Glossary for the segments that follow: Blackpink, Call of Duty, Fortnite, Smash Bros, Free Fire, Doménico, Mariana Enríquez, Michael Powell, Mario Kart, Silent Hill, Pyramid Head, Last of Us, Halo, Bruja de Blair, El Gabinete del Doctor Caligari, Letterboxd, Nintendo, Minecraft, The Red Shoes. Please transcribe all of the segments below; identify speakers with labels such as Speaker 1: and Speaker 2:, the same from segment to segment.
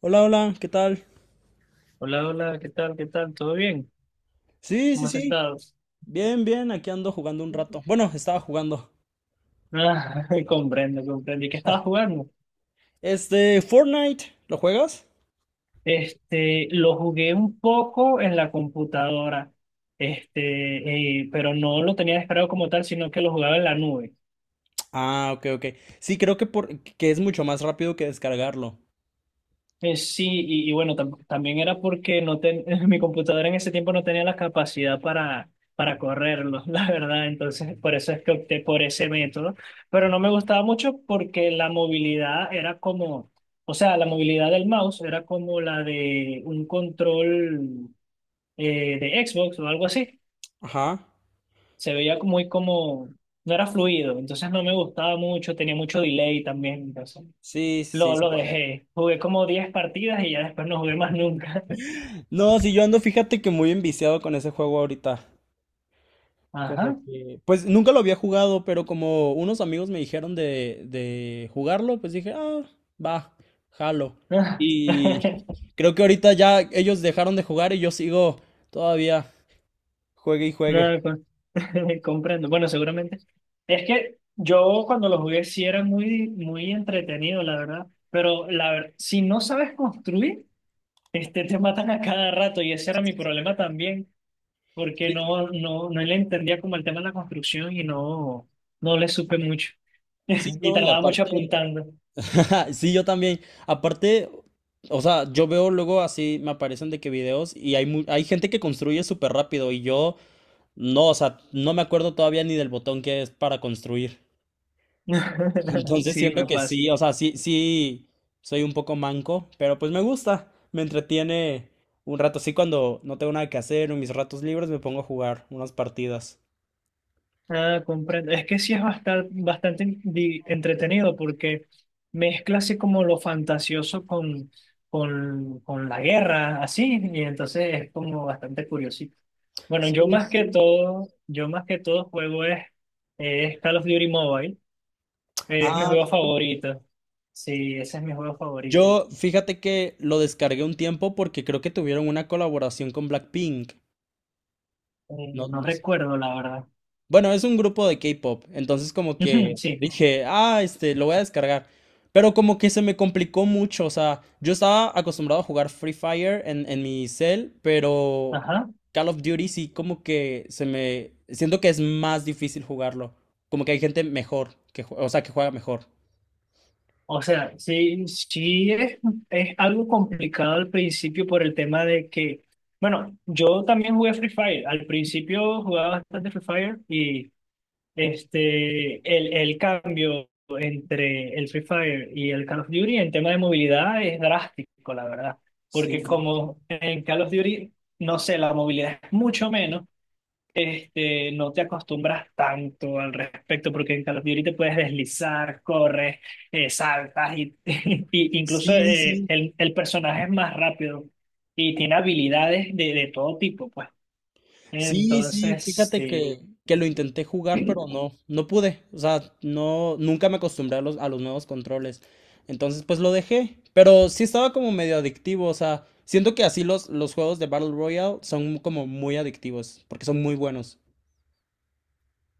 Speaker 1: Hola, hola, ¿qué tal?
Speaker 2: Hola, hola, ¿qué tal? ¿Qué tal? ¿Todo bien?
Speaker 1: Sí,
Speaker 2: ¿Cómo
Speaker 1: sí,
Speaker 2: has
Speaker 1: sí.
Speaker 2: estado?
Speaker 1: Bien, bien, aquí ando jugando un rato. Bueno, estaba jugando.
Speaker 2: Ah, comprendo, comprendo. ¿Y qué estabas jugando?
Speaker 1: Fortnite, ¿lo juegas?
Speaker 2: Este, lo jugué un poco en la computadora, pero no lo tenía descargado como tal, sino que lo jugaba en la nube.
Speaker 1: Ah, ok, ok. Sí, creo que es mucho más rápido que descargarlo.
Speaker 2: Sí, y bueno, también era porque no ten- mi computadora en ese tiempo no tenía la capacidad para correrlo, la verdad. Entonces, por eso es que opté por ese método. Pero no me gustaba mucho porque la movilidad era como, o sea, la movilidad del mouse era como la de un control de Xbox o algo así.
Speaker 1: Ajá.
Speaker 2: Muy como, no era fluido. Entonces, no me gustaba mucho, tenía mucho delay también. Entonces,
Speaker 1: Sí, sí, sí. Sí
Speaker 2: lo
Speaker 1: puede.
Speaker 2: dejé. Jugué como 10 partidas y ya después no jugué más nunca.
Speaker 1: No, sí, yo ando, fíjate que muy enviciado con ese juego ahorita. Como
Speaker 2: Ajá.
Speaker 1: que, pues nunca lo había jugado, pero como unos amigos me dijeron de jugarlo, pues dije, ah, va, jalo. Y creo que ahorita ya ellos dejaron de jugar y yo sigo todavía, juegue y juegue.
Speaker 2: No, comprendo. Bueno, seguramente. Es que yo cuando lo jugué sí era muy entretenido, la verdad. Pero la verdad, si no sabes construir, este, te matan a cada rato y ese era mi problema también, porque
Speaker 1: Sí,
Speaker 2: no le entendía como el tema de la construcción y no, no le supe mucho.
Speaker 1: sí,
Speaker 2: Y
Speaker 1: no, y
Speaker 2: tardaba mucho
Speaker 1: aparte,
Speaker 2: apuntando.
Speaker 1: sí, yo también. Aparte, o sea, yo veo luego así, me aparecen de que videos y hay gente que construye súper rápido y yo no, o sea, no me acuerdo todavía ni del botón que es para construir. Entonces
Speaker 2: Sí,
Speaker 1: siento
Speaker 2: me
Speaker 1: que
Speaker 2: pasa.
Speaker 1: sí, o sea, sí, sí, soy un poco manco, pero pues me gusta, me entretiene un rato. Sí, cuando no tengo nada que hacer, en mis ratos libres me pongo a jugar unas partidas.
Speaker 2: Ah, comprendo. Es que sí es bastante, entretenido porque mezcla así como lo fantasioso con, con la guerra, así, y entonces es como bastante curiosito. Bueno,
Speaker 1: Sí,
Speaker 2: yo más que
Speaker 1: sí.
Speaker 2: todo, yo más que todo es Call of Duty Mobile, es mi
Speaker 1: Ah,
Speaker 2: juego favorito. Sí, ese es mi juego favorito.
Speaker 1: yo fíjate que lo descargué un tiempo porque creo que tuvieron una colaboración con Blackpink. No,
Speaker 2: No
Speaker 1: no.
Speaker 2: recuerdo, la verdad.
Speaker 1: Bueno, es un grupo de K-pop, entonces como que
Speaker 2: Sí,
Speaker 1: dije, ah, lo voy a descargar. Pero como que se me complicó mucho, o sea, yo estaba acostumbrado a jugar Free Fire en mi cel, pero
Speaker 2: ajá.
Speaker 1: Call of Duty sí como que se me. Siento que es más difícil jugarlo, como que hay gente mejor, o sea, que juega mejor.
Speaker 2: O sea, sí es algo complicado al principio por el tema de que, bueno, yo también jugué Free Fire. Al principio jugaba bastante Free Fire y el cambio entre el Free Fire y el Call of Duty en tema de movilidad es drástico, la verdad.
Speaker 1: Sí,
Speaker 2: Porque como en Call of Duty, no sé, la movilidad es mucho menos, no te acostumbras tanto al respecto, porque en Call of Duty te puedes deslizar, corres, saltas y, y incluso
Speaker 1: sí, sí.
Speaker 2: el personaje es más rápido y tiene habilidades de todo tipo, pues.
Speaker 1: Sí, sí,
Speaker 2: Entonces,
Speaker 1: fíjate
Speaker 2: sí.
Speaker 1: que lo intenté jugar, pero no, no pude. O sea, no, nunca me acostumbré a los nuevos controles. Entonces, pues lo dejé. Pero sí estaba como medio adictivo. O sea, siento que así los juegos de Battle Royale son como muy adictivos, porque son muy buenos.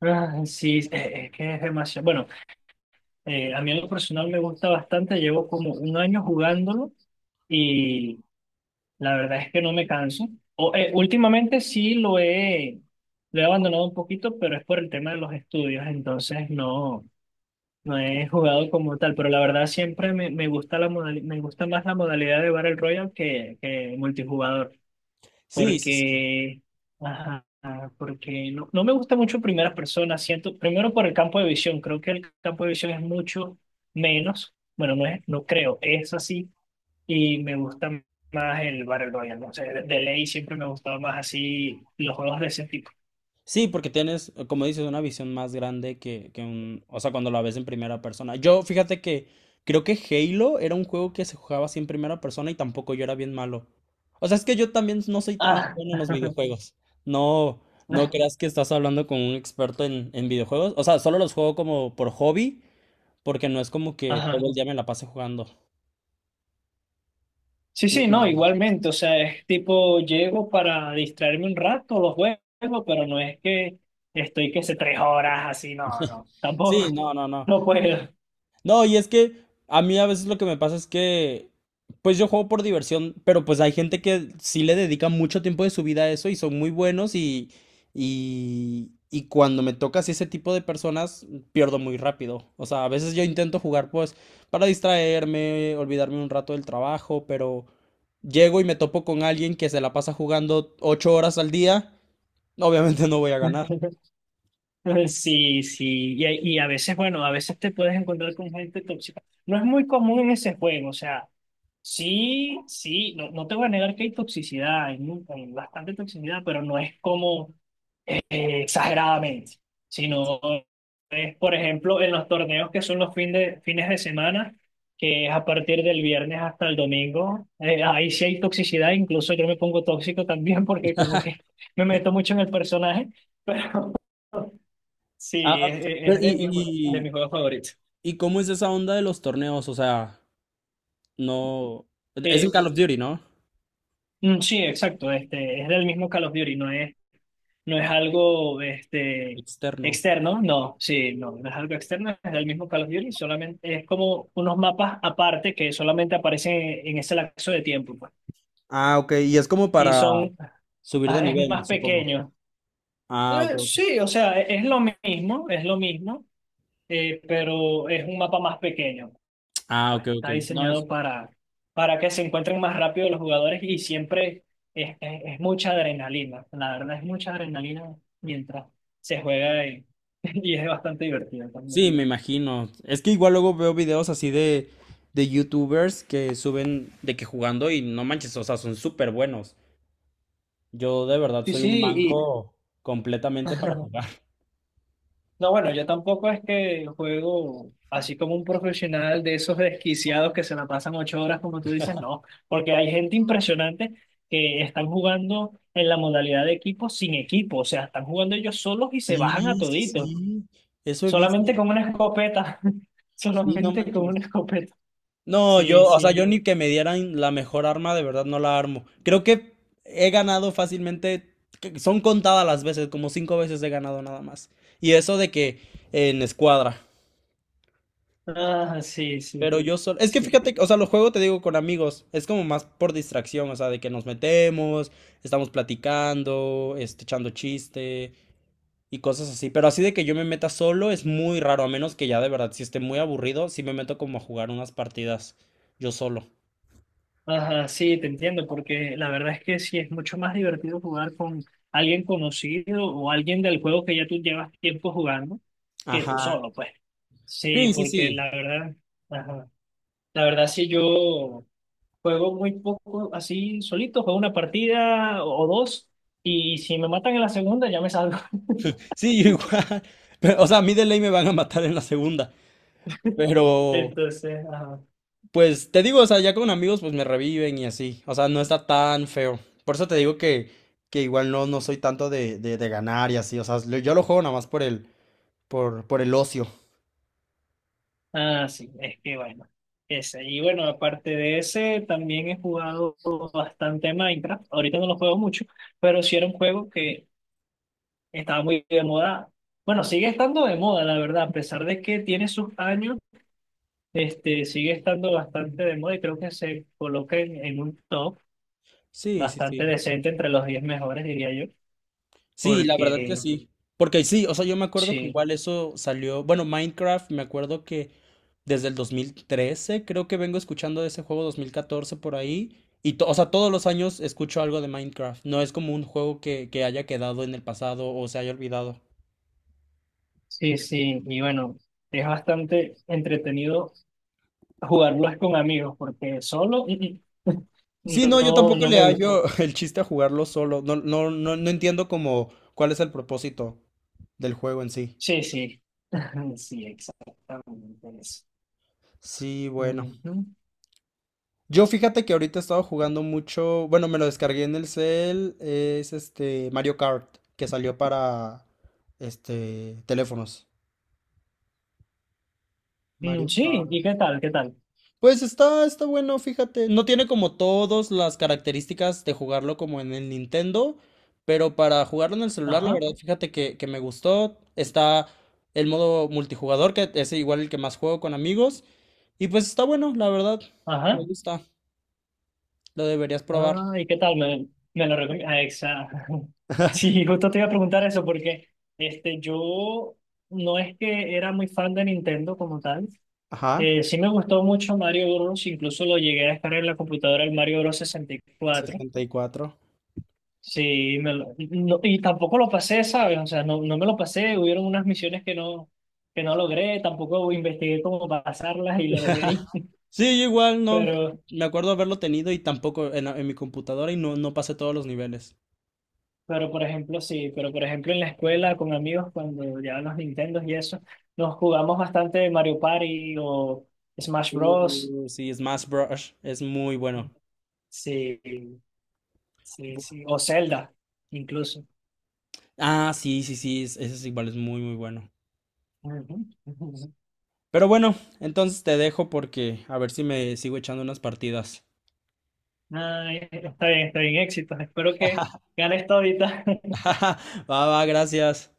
Speaker 2: Ah, sí, es que es demasiado. Bueno, a mí en lo personal me gusta bastante, llevo como 1 año jugándolo. La verdad es que no me canso. Últimamente sí lo he abandonado un poquito, pero es por el tema de los estudios, entonces no, no he jugado como tal. Pero la verdad siempre me gusta la me gusta más la modalidad de Battle Royale que multijugador,
Speaker 1: Sí, sí, sí.
Speaker 2: porque, ajá, porque no, no me gusta mucho primera persona. Siento, primero por el campo de visión, creo que el campo de visión es mucho menos. Bueno, no es, no creo, es así y me gusta más el Battle Royale. No sé, de ley siempre me ha gustado más así los juegos de ese tipo.
Speaker 1: Sí, porque tienes, como dices, una visión más grande que un. O sea, cuando la ves en primera persona. Yo, fíjate que creo que Halo era un juego que se jugaba así en primera persona y tampoco yo era bien malo. O sea, es que yo también no soy tan
Speaker 2: Ah,
Speaker 1: bueno en los videojuegos. No, no creas que estás hablando con un experto en videojuegos. O sea, solo los juego como por hobby, porque no es como que todo
Speaker 2: ajá.
Speaker 1: el día me la pase jugando.
Speaker 2: Sí,
Speaker 1: Y- y-
Speaker 2: no, igualmente. O sea, es tipo, llego para distraerme un rato, los juegos, pero no es que estoy que sé 3 horas así, no, no,
Speaker 1: Sí,
Speaker 2: tampoco.
Speaker 1: no, no, no.
Speaker 2: No puedo.
Speaker 1: No, y es que a mí a veces lo que me pasa es que, pues yo juego por diversión, pero pues hay gente que sí le dedica mucho tiempo de su vida a eso y son muy buenos y cuando me toca así ese tipo de personas, pierdo muy rápido. O sea, a veces yo intento jugar pues para distraerme, olvidarme un rato del trabajo, pero llego y me topo con alguien que se la pasa jugando 8 horas al día, obviamente no voy a ganar.
Speaker 2: Sí, sí, y, y a veces, bueno, a veces te puedes encontrar con gente tóxica. No es muy común en ese juego, o sea, sí, sí, no, no te voy a negar que hay toxicidad, hay, hay bastante toxicidad, pero no es como exageradamente, sino es, por ejemplo, en los torneos que son fines de semana, que es a partir del viernes hasta el domingo, ahí sí hay toxicidad, incluso yo me pongo tóxico también porque como que me meto mucho en el personaje. Sí,
Speaker 1: Ah, pero
Speaker 2: de mis, de
Speaker 1: y,
Speaker 2: mis
Speaker 1: y,
Speaker 2: juegos favoritos.
Speaker 1: ¿y cómo es esa onda de los torneos? O sea. No, es en
Speaker 2: Eh,
Speaker 1: Call of Duty, ¿no?
Speaker 2: sí, exacto. Este, es del mismo Call of Duty, no es, no es algo
Speaker 1: Externo.
Speaker 2: externo. No, sí, no, no es algo externo, es del mismo Call of Duty, solamente es como unos mapas aparte que solamente aparecen en ese lapso de tiempo, pues.
Speaker 1: Ah, ok. Y es como
Speaker 2: Y
Speaker 1: para
Speaker 2: son,
Speaker 1: subir de
Speaker 2: ah, es
Speaker 1: nivel,
Speaker 2: más
Speaker 1: supongo.
Speaker 2: pequeño.
Speaker 1: Ah, ok, ok.
Speaker 2: Sí, o sea, es lo mismo, pero es un mapa más pequeño.
Speaker 1: Ah,
Speaker 2: Pues
Speaker 1: ok, ok.
Speaker 2: está
Speaker 1: No, es.
Speaker 2: diseñado para que se encuentren más rápido los jugadores y siempre es mucha adrenalina. La verdad es mucha adrenalina mientras se juega y, y es bastante divertido también.
Speaker 1: Sí, me imagino. Es que igual luego veo videos así de YouTubers que suben de que jugando y no manches, o sea, son súper buenos. Yo de verdad
Speaker 2: Sí,
Speaker 1: soy
Speaker 2: sí,
Speaker 1: un
Speaker 2: y
Speaker 1: manco completamente para jugar.
Speaker 2: no, bueno, yo tampoco es que juego así como un profesional de esos desquiciados que se la pasan 8 horas, como tú dices, no, porque hay gente impresionante que están jugando en la modalidad de equipo sin equipo, o sea, están jugando ellos solos y se bajan a
Speaker 1: Sí, sí,
Speaker 2: toditos.
Speaker 1: sí. Eso he visto.
Speaker 2: Solamente con una escopeta.
Speaker 1: Sí, no
Speaker 2: Solamente con una
Speaker 1: manches.
Speaker 2: escopeta.
Speaker 1: No, yo,
Speaker 2: Sí,
Speaker 1: o sea,
Speaker 2: sí.
Speaker 1: yo ni que me dieran la mejor arma, de verdad no la armo. Creo que he ganado fácilmente, que son contadas las veces, como cinco veces he ganado nada más. Y eso de que en escuadra.
Speaker 2: Ah, sí, sí,
Speaker 1: Pero yo solo, es que
Speaker 2: sí.
Speaker 1: fíjate, que, o sea, lo juego te digo con amigos, es como más por distracción, o sea, de que nos metemos, estamos platicando, echando chiste y cosas así. Pero así de que yo me meta solo es muy raro, a menos que ya de verdad, si esté muy aburrido, sí me meto como a jugar unas partidas yo solo.
Speaker 2: Ajá, sí, te entiendo, porque la verdad es que sí es mucho más divertido jugar con alguien conocido o alguien del juego que ya tú llevas tiempo jugando que tú
Speaker 1: Ajá.
Speaker 2: solo, pues. Sí,
Speaker 1: Sí, sí,
Speaker 2: porque la
Speaker 1: sí.
Speaker 2: verdad, ajá, la verdad sí yo juego muy poco así solito, juego una partida o dos y si me matan en la segunda ya me salgo.
Speaker 1: Sí, yo igual. Pero, o sea, a mí de ley me van a matar en la segunda. Pero,
Speaker 2: Entonces, ajá.
Speaker 1: pues, te digo, o sea, ya con amigos, pues me reviven y así. O sea, no está tan feo. Por eso te digo que igual no, no soy tanto de ganar y así. O sea, yo lo juego nada más por el ocio.
Speaker 2: Ah, sí, es que bueno, ese. Y bueno, aparte de ese, también he jugado bastante Minecraft. Ahorita no lo juego mucho, pero sí era un juego que estaba muy de moda. Bueno, sigue estando de moda, la verdad, a pesar de que tiene sus años, sigue estando bastante de moda y creo que se coloca en un top
Speaker 1: Sí, sí,
Speaker 2: bastante
Speaker 1: sí.
Speaker 2: decente entre los 10 mejores, diría yo,
Speaker 1: Sí, la verdad que
Speaker 2: porque
Speaker 1: sí. Porque sí, o sea, yo me acuerdo que
Speaker 2: sí,
Speaker 1: igual eso salió, bueno, Minecraft, me acuerdo que desde el 2013, creo que vengo escuchando de ese juego 2014 por ahí. Y, o sea, todos los años escucho algo de Minecraft. No es como un juego que haya quedado en el pasado o se haya olvidado.
Speaker 2: sí, sí. Y bueno, es bastante entretenido. Jugarlo es con amigos, porque solo
Speaker 1: Sí, no, yo
Speaker 2: no,
Speaker 1: tampoco
Speaker 2: no
Speaker 1: le
Speaker 2: me gusta.
Speaker 1: hallo el chiste a jugarlo solo. No, no, no, no entiendo como cuál es el propósito del juego en sí.
Speaker 2: Sí, sí. Sí, exactamente eso.
Speaker 1: Sí, bueno.
Speaker 2: Ujú.
Speaker 1: Yo fíjate que ahorita he estado jugando mucho, bueno, me lo descargué en el cel, es este Mario Kart, que salió para teléfonos.
Speaker 2: Mm,
Speaker 1: Mario
Speaker 2: sí,
Speaker 1: Kart.
Speaker 2: ¿y qué tal? ¿Qué tal?
Speaker 1: Pues está bueno, fíjate. No tiene como todas las características de jugarlo como en el Nintendo, pero para jugarlo en el celular, la
Speaker 2: Ajá,
Speaker 1: verdad, fíjate que me gustó. Está el modo multijugador, que es igual el que más juego con amigos. Y pues está bueno, la verdad. Me
Speaker 2: ajá.
Speaker 1: gusta. Lo deberías probar.
Speaker 2: Ah, ¿y qué tal? Me lo recomiendo, exacto. Sí, justo te iba a preguntar eso porque yo no es que era muy fan de Nintendo como tal.
Speaker 1: Ajá.
Speaker 2: Sí me gustó mucho Mario Bros. Incluso lo llegué a descargar en la computadora el Mario Bros. 64.
Speaker 1: 64.
Speaker 2: Sí, me lo- no- y tampoco lo pasé, ¿sabes? O sea, no, no me lo pasé, hubieron unas misiones que no logré, tampoco investigué cómo pasarlas y lo dejé ahí.
Speaker 1: Sí, yo igual no.
Speaker 2: Pero,
Speaker 1: Me acuerdo haberlo tenido y tampoco en mi computadora y no, no pasé todos los niveles.
Speaker 2: pero por ejemplo, sí, pero por ejemplo en la escuela con amigos cuando llevaban los Nintendos y eso, nos jugamos bastante Mario Party o Smash Bros.
Speaker 1: Sí, Smash Bros es muy bueno.
Speaker 2: Sí, sí,
Speaker 1: Bu-
Speaker 2: sí, o Zelda incluso.
Speaker 1: Ah, sí, sí, sí, ese es igual, es muy, muy bueno.
Speaker 2: Ujú, ujú.
Speaker 1: Pero bueno, entonces te dejo porque a ver si me sigo echando unas partidas.
Speaker 2: Ay, está bien, éxitos. Espero que ganes todita.
Speaker 1: Va, va, gracias.